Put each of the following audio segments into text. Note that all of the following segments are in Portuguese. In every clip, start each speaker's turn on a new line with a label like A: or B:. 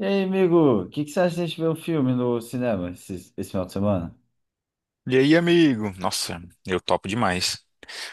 A: E aí, amigo, o que, que você acha de a gente ver um filme no cinema esse final de semana?
B: E aí, amigo? Nossa, eu topo demais.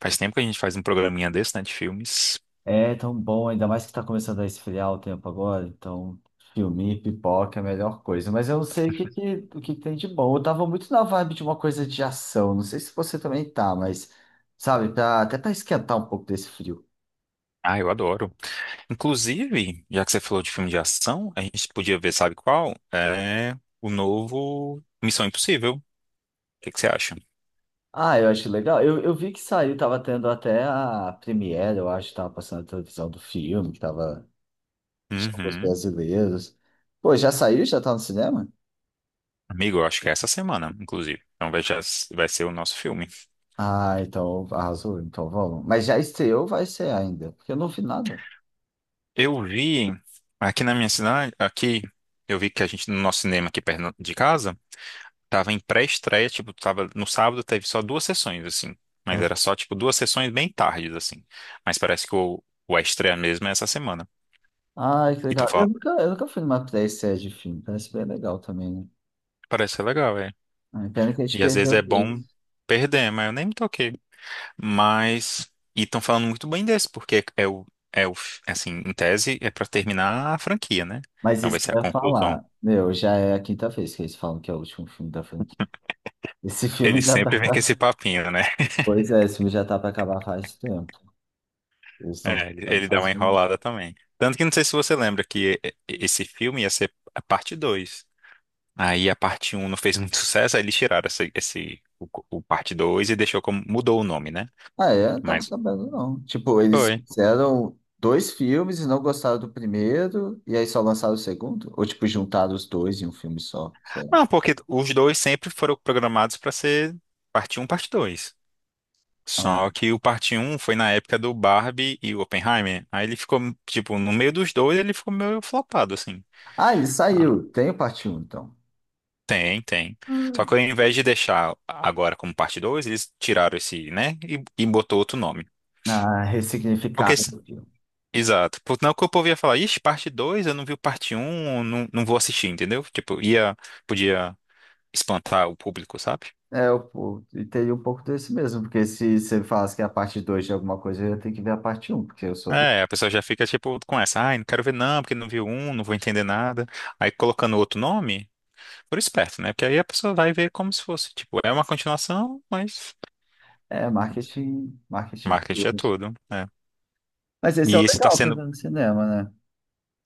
B: Faz tempo que a gente faz um programinha desse, né, de filmes.
A: É tão bom, ainda mais que tá começando a esfriar o tempo agora, então filme, pipoca é a melhor coisa. Mas eu não sei o que, que tem de bom. Eu tava muito na vibe de uma coisa de ação, não sei se você também tá, mas sabe, até pra esquentar um pouco desse frio.
B: Ah, eu adoro. Inclusive, já que você falou de filme de ação, a gente podia ver, sabe qual? É o novo Missão Impossível. O que que você acha?
A: Ah, eu acho legal. Eu vi que saiu, tava tendo até a premiere, eu acho, tava passando a televisão do filme, tinha os
B: Uhum.
A: brasileiros. Pô, já saiu? Já tá no cinema?
B: Amigo, eu acho que é essa semana, inclusive. Então vai, vai ser o nosso filme.
A: Ah, então arrasou, então vamos. Mas já estreou, ou vai ser ainda, porque eu não vi nada.
B: Eu vi aqui na minha cidade, aqui, eu vi que a gente, no nosso cinema aqui perto de casa, tava em pré-estreia, tipo, tava no sábado teve só duas sessões, assim. Mas
A: Ah.
B: era só, tipo, duas sessões bem tardes, assim. Mas parece que o a estreia mesmo é essa semana.
A: Ai, que
B: E tô
A: legal. Eu
B: falando,
A: nunca, eu nunca fui numa pré-estreia de filme, parece bem legal também, né?
B: parece ser legal, é.
A: Ai, pena que a gente
B: E às vezes
A: perdeu
B: é bom
A: dois.
B: perder, mas eu nem me toquei. Mas, e estão falando muito bem desse, porque é o, assim, em tese é pra terminar a franquia, né?
A: Mas
B: Então vai
A: isso que
B: ser
A: eu
B: a
A: ia
B: conclusão.
A: falar, meu, já é a quinta vez que eles falam que é o último filme da franquia. Esse filme
B: Ele
A: já
B: sempre
A: tá.
B: vem com esse papinho, né?
A: Pois é, esse filme já tá pra acabar faz tempo. Eles estão
B: É, ele
A: tentando
B: ele dá uma
A: fazer isso.
B: enrolada também. Tanto que não sei se você lembra que esse filme ia ser a parte 2. Aí a parte um não fez muito sucesso, aí eles tiraram o parte 2 e deixou como, mudou o nome, né?
A: Ah, é? Não tava
B: Mas
A: sabendo, não. Tipo, eles
B: foi.
A: fizeram dois filmes e não gostaram do primeiro, e aí só lançaram o segundo? Ou, tipo, juntaram os dois em um filme só? Sei lá.
B: Não, porque os dois sempre foram programados para ser parte um parte 2.
A: Ah,
B: Só que o parte um foi na época do Barbie e o Oppenheimer. Aí ele ficou, tipo, no meio dos dois, ele ficou meio flopado, assim.
A: Ah, ele
B: Ah,
A: saiu. Tem o parte um então.
B: tem, tem. Só que
A: Hum.
B: ao invés de deixar agora como parte 2 eles tiraram esse, né? E botou outro nome.
A: Ah,
B: Porque
A: ressignificado o filme.
B: Exato. Não que o povo ia falar, ixi, parte 2 eu não vi o parte um, não, não vou assistir, entendeu? Tipo, ia, podia espantar o público, sabe?
A: É, eu, pô, e teria um pouco desse mesmo, porque se você me falasse que é a parte 2 de alguma coisa, eu ia ter que ver a parte um porque eu sou.
B: É, a pessoa já fica, tipo, com essa, ai, não quero ver não, porque não viu um, não vou entender nada. Aí colocando outro nome, por esperto, né? Porque aí a pessoa vai ver como se fosse, tipo, é uma continuação, mas
A: É, marketing, marketing
B: marketing é
A: puro.
B: tudo, né?
A: Mas esse é o
B: E isso tá
A: legal pra
B: sendo,
A: ver no cinema, né?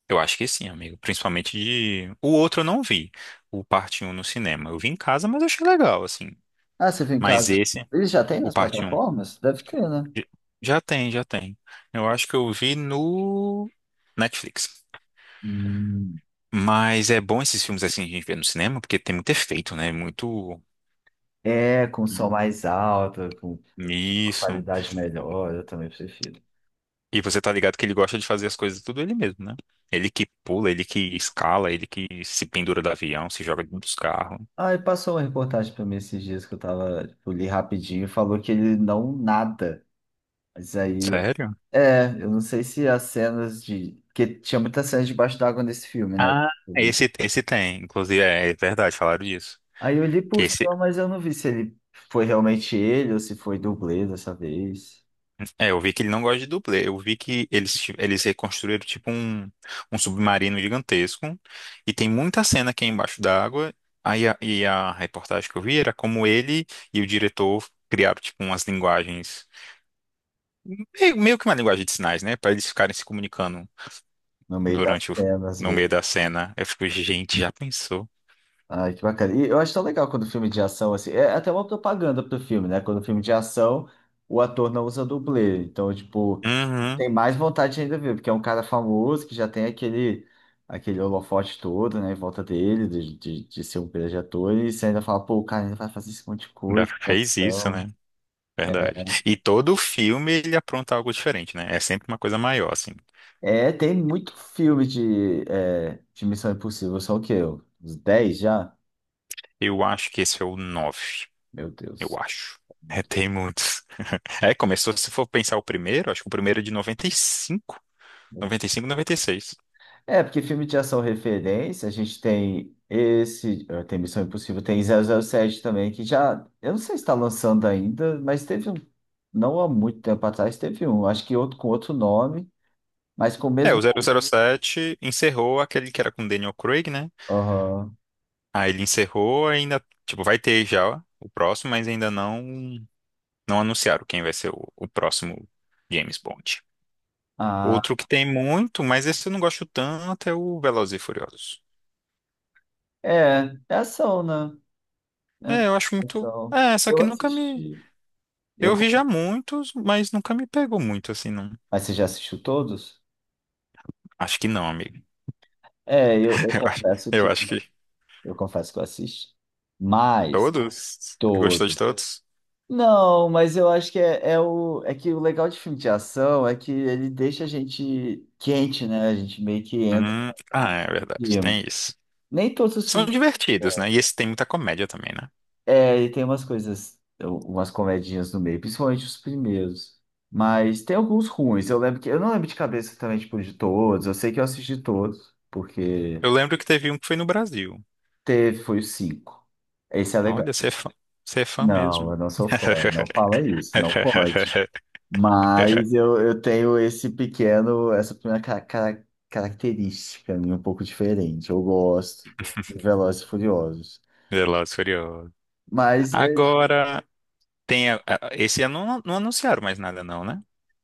B: eu acho que sim, amigo, principalmente de... O outro eu não vi, o parte um no cinema. Eu vi em casa, mas eu achei legal, assim.
A: Ah, você viu em
B: Mas
A: casa.
B: esse,
A: Ele já tem
B: o
A: nas
B: parte 1.
A: plataformas? Deve ter, né?
B: J- Já tem, já tem. Eu acho que eu vi no Netflix.
A: Hum,
B: Mas é bom esses filmes assim a gente vê no cinema, porque tem muito efeito, né? Muito.
A: é, com som
B: I-
A: mais alto, com uma
B: Isso.
A: qualidade melhor, eu também prefiro.
B: E você tá ligado que ele gosta de fazer as coisas tudo ele mesmo, né? Ele que pula, ele que escala, ele que se pendura do avião, se joga dos carros.
A: Ah, e passou uma reportagem pra mim esses dias que eu tava, tipo, li rapidinho, e falou que ele não nada. Mas aí,
B: Sério?
A: eu não sei se as cenas de. Porque tinha muitas cenas debaixo d'água nesse filme, né?
B: Ah,
A: Eu vi.
B: esse tem. Inclusive, é verdade, falaram disso.
A: Aí eu li
B: Que
A: por
B: esse,
A: cima, mas eu não vi se ele foi realmente ele ou se foi dublê dessa vez.
B: É, eu vi que ele não gosta de dublê. Eu vi que eles reconstruíram tipo um, um submarino gigantesco e tem muita cena aqui embaixo d'água. Aí e a reportagem que eu vi era como ele e o diretor criaram tipo umas linguagens, meio que uma linguagem de sinais, né? Para eles ficarem se comunicando
A: No meio das
B: durante o,
A: cenas, às
B: no meio
A: vezes.
B: da cena. Eu fico, gente, já pensou?
A: Ai, que bacana. E eu acho tão legal quando o filme de ação, assim, é até uma propaganda pro filme, né? Quando o filme de ação, o ator não usa dublê. Então, tipo,
B: Uhum,
A: tem mais vontade ainda de ver, porque é um cara famoso que já tem aquele holofote todo, né, em volta dele, de ser um grande ator, e você ainda fala, pô, o cara ainda vai fazer esse monte de
B: já
A: coisa, que
B: fez isso,
A: ação.
B: né? Verdade. E todo filme ele apronta algo diferente, né? É sempre uma coisa maior, assim.
A: É, tem muito filme de Missão Impossível, só o quê? Uns 10 já?
B: Eu acho que esse é o 9
A: Meu
B: eu
A: Deus,
B: acho.
A: é
B: É,
A: muito.
B: tem muitos. É, começou, se for pensar o primeiro, acho que o primeiro é de noventa noventa e cinco, noventa e cinco, noventa e seis.
A: É, porque filme de ação referência, a gente tem esse, tem Missão Impossível, tem 007 também, que já, eu não sei se está lançando ainda, mas teve um, não há muito tempo atrás, teve um, acho que outro com outro nome, mas com o
B: É, o
A: mesmo.
B: zero zero sete encerrou aquele que era com Daniel Craig, né?
A: Aham.
B: Aí ele encerrou, ainda, tipo, vai ter já o próximo, mas ainda não anunciaram quem vai ser o próximo James Bond.
A: Ah,
B: Outro que tem muito, mas esse eu não gosto tanto, é o Velozes e Furiosos.
A: é ação, né?
B: É, eu acho
A: É
B: muito.
A: ação.
B: É, só
A: Eu
B: que nunca me.
A: assisti.
B: Eu
A: Eu,
B: vi já
A: con-
B: muitos, mas nunca me pegou muito, assim, não.
A: mas você já assistiu todos?
B: Acho que não, amigo.
A: É, eu
B: Eu acho,
A: confesso
B: eu
A: que
B: acho que
A: eu confesso que eu assisti. Mas
B: todos. Gostou de
A: todos.
B: todos?
A: Não, mas eu acho que é que o legal de filme de ação é que ele deixa a gente quente, né? A gente meio que entra
B: Ah, é
A: no
B: verdade,
A: clima.
B: tem isso.
A: Nem todos os
B: São
A: filmes.
B: divertidos, né?
A: Bom,
B: E esse tem muita comédia também, né?
A: e tem umas coisas, umas comedinhas no meio, principalmente os primeiros. Mas tem alguns ruins. Eu lembro que eu não lembro de cabeça também, tipo, de todos. Eu sei que eu assisti todos, porque
B: Eu lembro que teve um que foi no Brasil.
A: foi o cinco. Esse é
B: Olha,
A: legal.
B: você é fã
A: Não,
B: mesmo.
A: eu não sou fã. Não fala isso, não pode. Mas eu tenho esse pequeno, essa pequena característica minha um pouco diferente. Eu gosto de Velozes e Furiosos.
B: Velozes e Furiosos.
A: Mas,
B: Agora, tem. Esse ano não, anunciaram mais nada, não, né?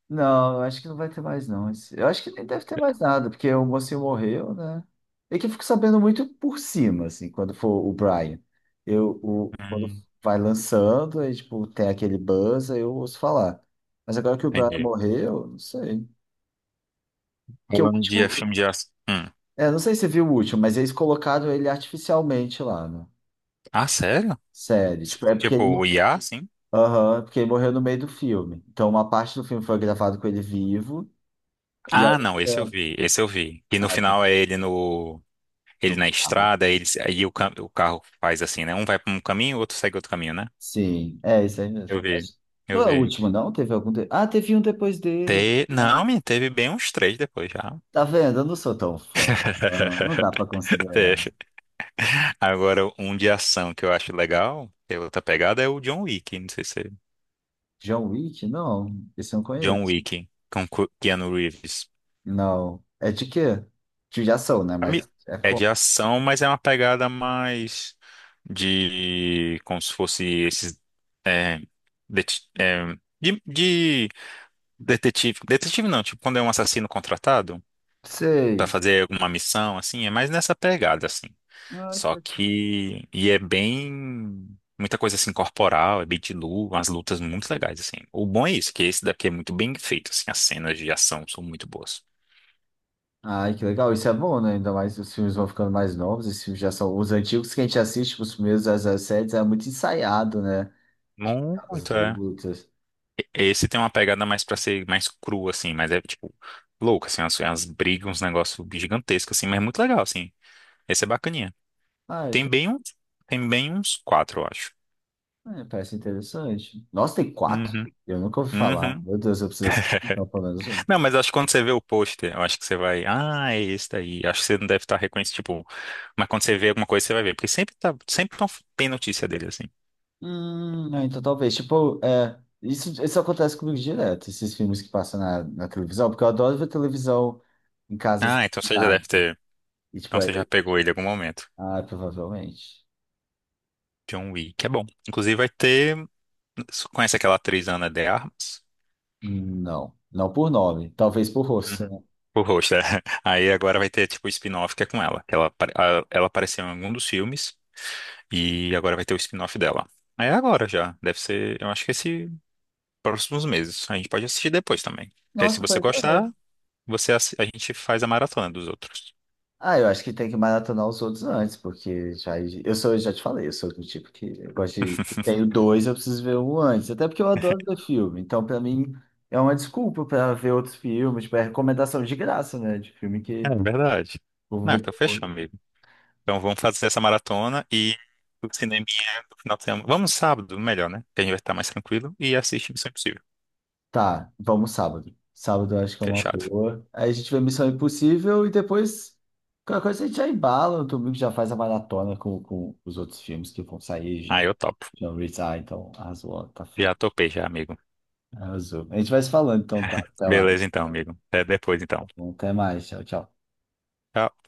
A: não, eu acho que não vai ter mais, não. Eu acho que nem deve ter mais nada, porque o mocinho morreu, né? É que eu fico sabendo muito por cima, assim, quando for o Brian. Quando
B: Hum,
A: vai lançando, aí, tipo, tem aquele buzz, aí eu ouço falar. Mas agora que o Brian
B: entendi.
A: morreu, não sei. Que o
B: Falando
A: último,
B: de filme de ação. Hum.
A: É, não sei se você viu o último, mas eles colocaram ele artificialmente lá na
B: Ah, sério?
A: série. Tipo, é porque
B: Tipo,
A: ele,
B: o
A: mo-
B: IA, assim?
A: Aham, porque ele morreu no meio do filme. Então, uma parte do filme foi gravado com ele vivo e a
B: Ah, não,
A: outra
B: esse eu vi. E no
A: ah,
B: final é ele no ele
A: no
B: na
A: carro.
B: estrada, ele aí o carro faz assim, né? Um vai para um caminho, o outro segue outro caminho, né?
A: Sim, é isso aí mesmo.
B: Eu vi.
A: Não
B: Eu
A: é o
B: vi.
A: último, não? Teve algum. Ah, teve um depois dele. Ah,
B: Não, me teve bem uns três depois já.
A: tá vendo? Eu não sou tão fã. Ah, não dá pra
B: Fecha.
A: considerar.
B: Agora, um de ação que eu acho legal, que é outra pegada, é o John Wick. Não sei se é
A: John Wick? Não, esse eu não conheço.
B: John Wick, com Keanu Reeves.
A: Não. É de quê? De ação, né?
B: Ami-
A: Mas é.
B: É de ação, mas é uma pegada mais de como se fosse esses é, det- é, de detetive. Detetive não, tipo quando é um assassino contratado para
A: Sei.
B: fazer alguma missão, assim, é mais nessa pegada, assim.
A: Ah,
B: Só que é bem muita coisa assim corporal, é bem de luta, umas lutas muito legais assim. O bom é isso, que esse daqui é muito bem feito, assim, as cenas de ação são muito boas.
A: ai, que legal, isso é bom, né? Ainda mais os filmes vão ficando mais novos, esses filmes já são os antigos que a gente assiste, tipo, os primeiros das séries é muito ensaiado, né? As
B: Muito, é.
A: lutas.
B: Esse tem uma pegada mais pra ser mais cru, assim, mas é, tipo, louco, assim, umas brigas, uns negócios gigantescos, assim, mas é muito legal, assim. Esse é bacaninha.
A: Ah,
B: Tem bem uns, tem bem uns quatro, eu acho.
A: é, parece interessante. Nossa, tem quatro?
B: Uhum,
A: Eu nunca ouvi falar.
B: uhum.
A: Meu Deus, eu preciso assistir, então, pelo menos um.
B: Não, mas acho que quando você vê o pôster, eu acho que você vai, ah, é esse daí. Acho que você não deve estar reconhecendo, tipo, mas quando você vê alguma coisa, você vai ver, porque sempre tem notícia dele, assim.
A: Não, então talvez, tipo, isso acontece comigo direto, esses filmes que passam na televisão, porque eu adoro ver televisão em casa assim,
B: Ah, então você já
A: nada.
B: deve ter,
A: E tipo,
B: então
A: aí,
B: você já pegou ele em algum momento.
A: provavelmente.
B: John Wick, é bom. Inclusive vai ter você conhece aquela atriz Ana de Armas?
A: Não, não por nome, talvez por
B: Uhum.
A: rosto.
B: O rosto, é. Aí agora vai ter tipo o spin-off que é com ela. Que ela apareceu em algum dos filmes e agora vai ter o spin-off dela. Aí é agora já. Deve ser, eu acho que esse próximos meses. A gente pode assistir depois também. Porque aí se
A: Nossa,
B: você
A: pois
B: gostar,
A: é.
B: a gente faz a maratona dos outros.
A: Ah, eu acho que tem que maratonar os outros antes, porque já, eu sou, eu já te falei, eu sou do tipo que eu gosto de, tenho dois, eu preciso ver um antes, até porque eu adoro ver filme, então pra mim é uma desculpa pra ver outros filmes, tipo, é recomendação de graça, né, de filme
B: É
A: que
B: verdade.
A: eu vou
B: Não,
A: ver
B: então fechou,
A: depois.
B: amigo. Então vamos fazer essa maratona e o cineminha do final de semana. Vamos sábado, melhor, né? Que a gente vai estar mais tranquilo e assiste Missão Impossível.
A: Tá, vamos sábado. Sábado eu acho que é uma
B: Fechado.
A: boa. Aí a gente vê Missão Impossível e depois qualquer coisa a gente já embala, no domingo já faz a maratona com os outros filmes que vão sair,
B: Ah,
A: já
B: eu topo.
A: já revisar, então arrasou, tá
B: Já
A: feito.
B: topei já, amigo.
A: Arrasou. A gente vai se falando, então, tá? Até lá.
B: Beleza então, amigo. Até depois então.
A: Tá bom, até mais. Tchau, tchau.
B: Tchau.